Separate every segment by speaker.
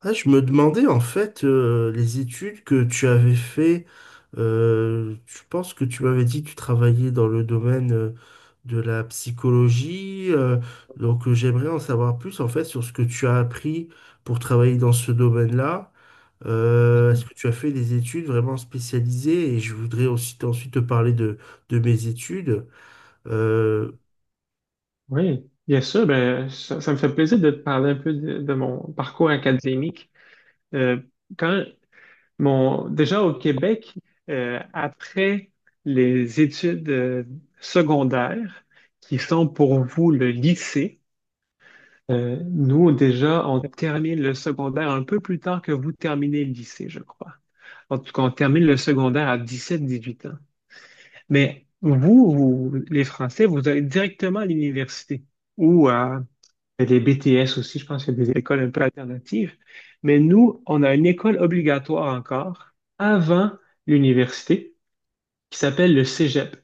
Speaker 1: Ah, je me demandais en fait les études que tu avais fait. Je pense que tu m'avais dit que tu travaillais dans le domaine de la psychologie. Donc j'aimerais en savoir plus en fait sur ce que tu as appris pour travailler dans ce domaine-là. Est-ce
Speaker 2: Mhm.
Speaker 1: que tu as fait des études vraiment spécialisées? Et je voudrais aussi ensuite te parler de mes études. Euh,
Speaker 2: Oui, bien sûr. Ben, ça me fait plaisir de te parler un peu de mon parcours académique. Euh, quand déjà au Québec, après les études secondaires, qui sont pour vous le lycée. Nous déjà, on termine le secondaire un peu plus tard que vous terminez le lycée, je crois. En tout cas, on termine le secondaire à dix-sept, dix-huit ans. Mais vous, les Français, vous allez directement à l'université ou à… Il y a des BTS aussi, je pense qu'il y a des écoles un peu alternatives. Mais nous, on a une école obligatoire encore avant l'université qui s'appelle le Cégep.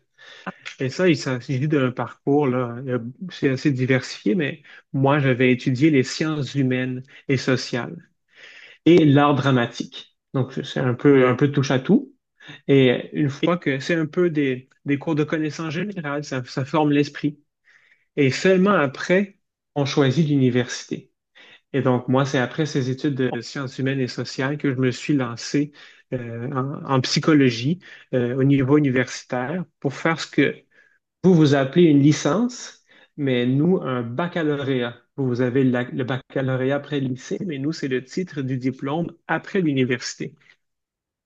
Speaker 2: Et ça, il s'agit d'un parcours, là, c'est assez diversifié, mais moi, j'avais étudié les sciences humaines et sociales et l'art dramatique. Donc, c'est un peu touche à tout. Et une fois que c'est un peu des cours de connaissances générales, ça forme l'esprit. Et seulement après, on choisit l'université. Et donc, moi, c'est après ces études de sciences humaines et sociales que je me suis lancé en psychologie au niveau universitaire pour faire ce que vous, vous appelez une licence, mais nous, un baccalauréat. Vous, vous avez le baccalauréat après le lycée, mais nous, c'est le titre du diplôme après l'université.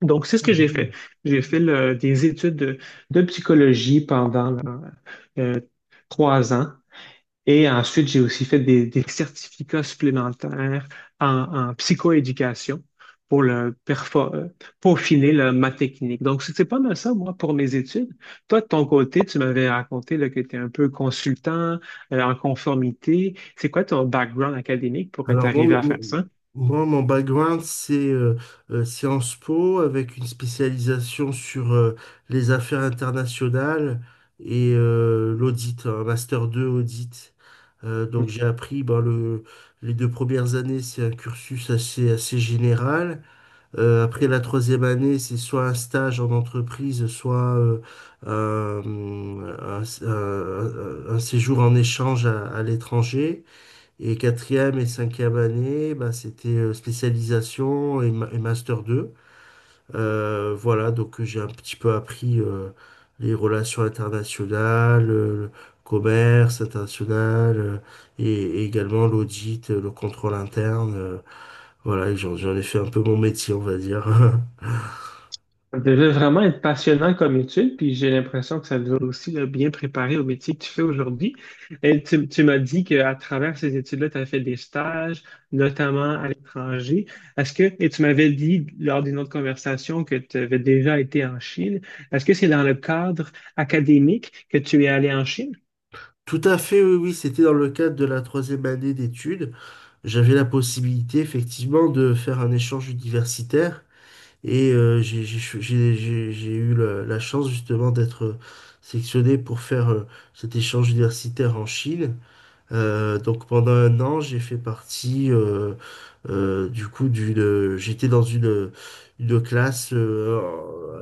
Speaker 2: Donc, c'est ce que j'ai fait.
Speaker 1: Mhm.
Speaker 2: J'ai fait des études de psychologie pendant euh, trois ans et ensuite, j'ai aussi fait des certificats supplémentaires en, en psychoéducation pour peaufiner ma technique. Donc, c'est pas mal ça, moi, pour mes études. Toi, de ton côté, tu m'avais raconté là, que tu es un peu consultant, en conformité. C'est quoi ton background académique pour être
Speaker 1: Alors, moi,
Speaker 2: arrivé à
Speaker 1: mon
Speaker 2: faire ça?
Speaker 1: moi, mon background, c'est Sciences Po avec une spécialisation sur les affaires internationales et l'audit, un master 2 audit. Donc, j'ai appris ben, les deux premières années, c'est un cursus assez, assez général. Après la troisième année, c'est soit un stage en entreprise, soit un, un séjour en échange à l'étranger. Et quatrième et cinquième année, bah, c'était spécialisation et master 2. Voilà, donc j'ai un petit peu appris les relations internationales, le commerce international et, et également l'audit, le contrôle interne. Voilà, et j'en ai fait un peu mon métier, on va dire.
Speaker 2: Ça devait vraiment être passionnant comme étude, puis j'ai l'impression que ça devait aussi là, bien préparer au métier que tu fais aujourd'hui. Et tu m'as dit qu'à travers ces études-là, tu as fait des stages, notamment à l'étranger. Est-ce que, et tu m'avais dit lors d'une autre conversation que tu avais déjà été en Chine. Est-ce que c'est dans le cadre académique que tu es allé en Chine?
Speaker 1: Tout à fait, oui, oui, c'était dans le cadre de la troisième année d'études. J'avais la possibilité effectivement de faire un échange universitaire. Et j'ai cho- j'ai eu la chance justement d'être sélectionné pour faire cet échange universitaire en Chine. Donc pendant un an, j'ai fait partie du coup J'étais dans une classe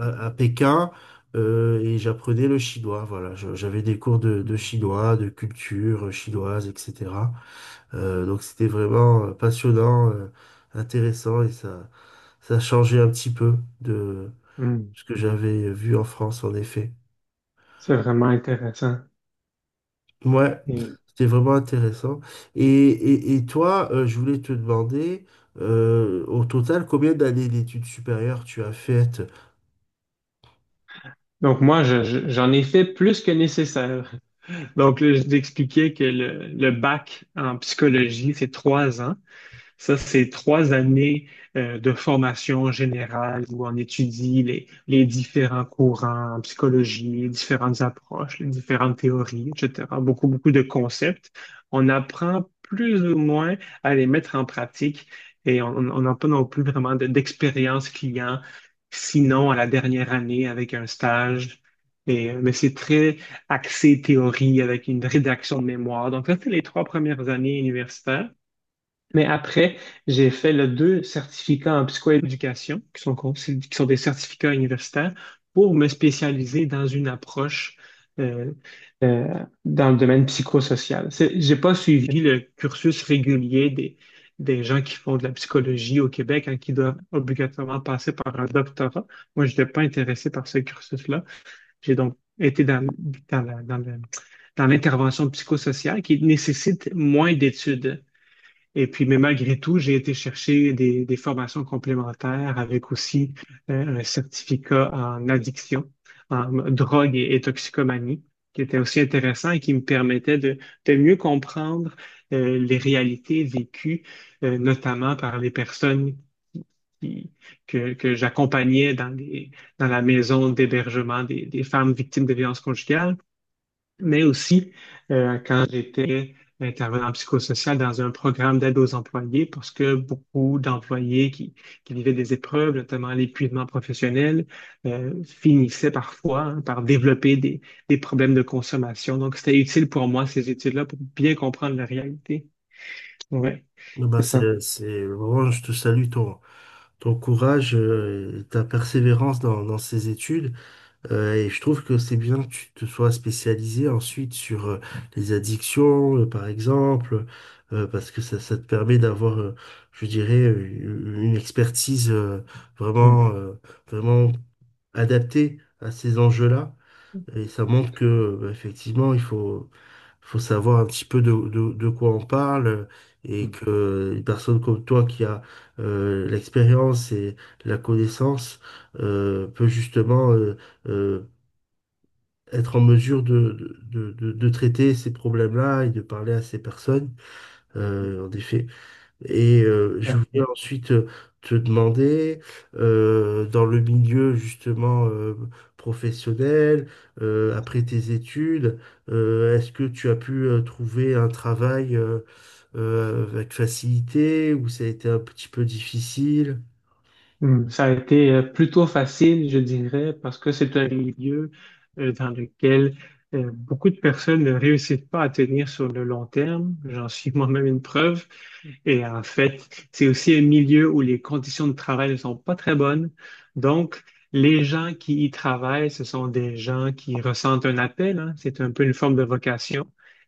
Speaker 1: à Pékin et j'apprenais le chinois. Voilà, j'avais des cours de
Speaker 2: Mm.
Speaker 1: chinois, de culture chinoise, etc. Donc c'était vraiment passionnant, intéressant et ça changeait un petit peu de
Speaker 2: Mm.
Speaker 1: ce que j'avais vu en France, en effet.
Speaker 2: C'est vraiment intéressant.
Speaker 1: Ouais,
Speaker 2: Et
Speaker 1: c'était vraiment intéressant. Et toi, je voulais te demander, au total, combien d'années d'études supérieures tu as faites?
Speaker 2: donc moi, j'en ai fait plus que nécessaire. Donc là, je t'expliquais que le bac en psychologie, c'est trois ans. Ça, c'est trois années de formation générale où on étudie les différents courants en psychologie, les différentes approches, les différentes théories, etc. Beaucoup, beaucoup de concepts. On apprend plus ou moins à les mettre en pratique et on n'a pas non plus vraiment d'expérience client, sinon à la dernière année avec un stage. Et, mais c'est très axé théorie avec une rédaction de mémoire. Donc, ça, c'est les trois premières années universitaires. Mais après, j'ai fait le deux certificats en psychoéducation, qui sont des certificats universitaires, pour me spécialiser dans une approche euh, euh, dans le domaine psychosocial. J'ai pas suivi le cursus régulier des gens qui font de la psychologie au Québec, hein, qui doivent obligatoirement passer par un doctorat. Moi, je n'étais pas intéressé par ce cursus-là. J'ai donc été dans, dans la- dans le- dans l'intervention psychosociale qui nécessite moins d'études. Et puis, mais malgré tout, j'ai été chercher des formations complémentaires avec aussi un certificat en addiction, en drogue et toxicomanie, qui était aussi intéressant et qui me permettait de mieux comprendre les réalités vécues, notamment par les personnes qui- que j'accompagnais dans dans la maison d'hébergement des femmes victimes de violences conjugales mais aussi quand j'étais intervenant psychosocial dans un programme d'aide aux employés, parce que beaucoup d'employés qui vivaient des épreuves, notamment l'épuisement professionnel, finissaient parfois hein, par développer des problèmes de consommation. Donc, c'était utile pour moi, ces études-là, pour bien comprendre la réalité. Ouais,
Speaker 1: Eh ben
Speaker 2: c'est ça.
Speaker 1: c'est vraiment, je te salue ton courage et ta persévérance dans ces études. Et je trouve que c'est bien que tu te sois spécialisé ensuite sur les addictions, par exemple, parce que ça te permet d'avoir, je dirais, une expertise
Speaker 2: Mm,
Speaker 1: vraiment, vraiment adaptée à ces enjeux-là. Et ça montre que, bah, effectivement, il faut savoir un petit peu de quoi on parle et que une personne comme toi qui a l'expérience et la connaissance peut justement euh, être en mesure de traiter ces problèmes-là et de parler à ces personnes, en effet. Je voulais
Speaker 2: mm.
Speaker 1: ensuite te demander, dans le milieu justement professionnel, après tes études, est-ce que tu as pu trouver un travail avec facilité ou ça a été un petit peu difficile?
Speaker 2: Hmm, ça a été plutôt facile, je dirais, parce que c'est un milieu dans lequel beaucoup de personnes ne réussissent pas à tenir sur le long terme. J'en suis moi-même une preuve. Et en fait, c'est aussi un milieu où les conditions de travail ne sont pas très bonnes. Donc, les gens qui y travaillent, ce sont des gens qui ressentent un appel, hein. C'est un peu une forme de vocation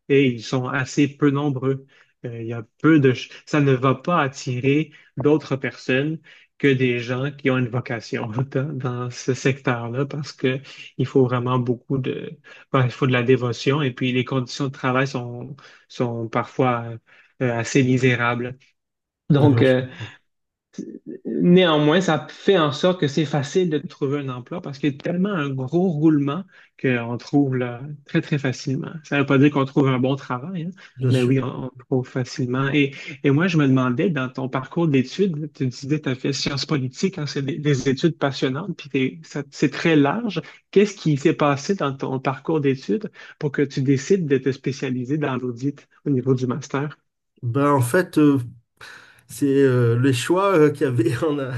Speaker 2: et ils sont assez peu nombreux. Il y a peu de… Ça ne va pas attirer d'autres personnes que des gens qui ont une vocation dans ce secteur-là parce que il faut vraiment beaucoup de… Ben, il faut de la dévotion et puis les conditions de travail sont parfois assez misérables.
Speaker 1: Non,
Speaker 2: Donc,
Speaker 1: mais je comprends.
Speaker 2: néanmoins, ça fait en sorte que c'est facile de trouver un emploi parce qu'il y a tellement un gros roulement qu'on trouve là, très, très facilement. Ça ne veut pas dire qu'on trouve un bon travail, hein,
Speaker 1: Bien
Speaker 2: mais
Speaker 1: sûr.
Speaker 2: oui, on trouve facilement. Et moi, je me demandais, dans ton parcours d'études, tu disais que tu as fait sciences politiques, hein, c'est des études passionnantes, puis c'est très large. Qu'est-ce qui s'est passé dans ton parcours d'études pour que tu décides de te spécialiser dans l'audit au niveau du master?
Speaker 1: Bah, en fait, c'est les choix qu'il y avait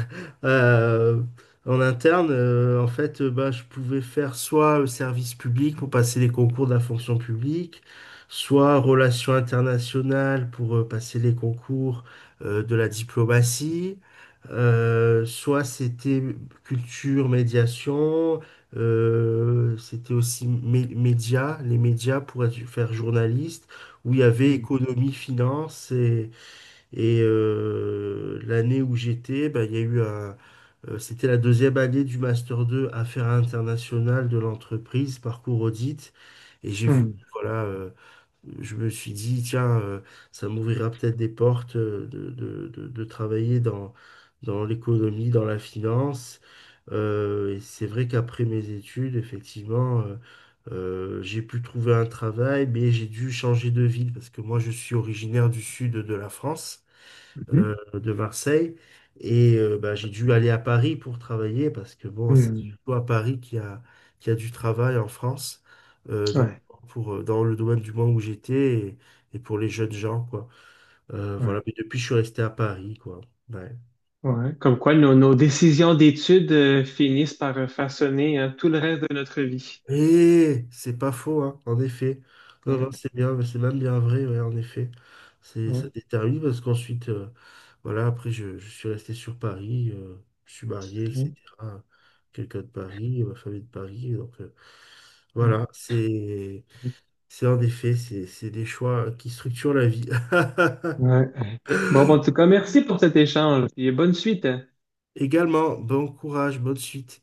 Speaker 1: euh, en interne. En fait, bah, je pouvais faire soit service public pour passer les concours de la fonction publique, soit relations internationales pour passer les concours de la diplomatie, soit c'était culture, médiation, c'était aussi médias, les médias pour faire journaliste, où il y avait
Speaker 2: Hmm,
Speaker 1: économie, finance l'année où j'étais, bah, il y a eu c'était la deuxième année du Master 2 Affaires internationales de l'entreprise, parcours audit. Et j'ai voulu,
Speaker 2: hmm,
Speaker 1: voilà, je me suis dit, tiens, ça m'ouvrira peut-être des portes de travailler dans l'économie, dans la finance. Et c'est vrai qu'après mes études, effectivement, j'ai pu trouver un travail, mais j'ai dû changer de ville parce que moi, je suis originaire du sud de la France de Marseille. Bah, j'ai dû aller à Paris pour travailler parce que bon, c'est
Speaker 2: mhm.
Speaker 1: surtout à Paris qu'il y a du travail en France,
Speaker 2: Hmm.
Speaker 1: notamment
Speaker 2: Ouais,
Speaker 1: dans le domaine du monde où j'étais et pour les jeunes gens, quoi. Voilà,
Speaker 2: ouais.
Speaker 1: mais depuis, je suis resté à Paris, quoi. Ouais.
Speaker 2: Ouais, comme quoi nos décisions d'études finissent par façonner hein, tout le reste de notre vie.
Speaker 1: Eh, c'est pas faux, hein, en effet. Non, non,
Speaker 2: Ouais,
Speaker 1: c'est bien, c'est même bien vrai, ouais, en effet. Ça
Speaker 2: ouais,
Speaker 1: détermine parce qu'ensuite, voilà, après, je suis resté sur Paris, je suis marié,
Speaker 2: ouais,
Speaker 1: etc. Quelqu'un de Paris, ma famille de Paris, donc voilà, c'est en effet, c'est des choix qui structurent la vie.
Speaker 2: ouais, ouais. Bon, en tout cas, merci pour cet échange et bonne suite.
Speaker 1: Également, bon courage, bonne suite.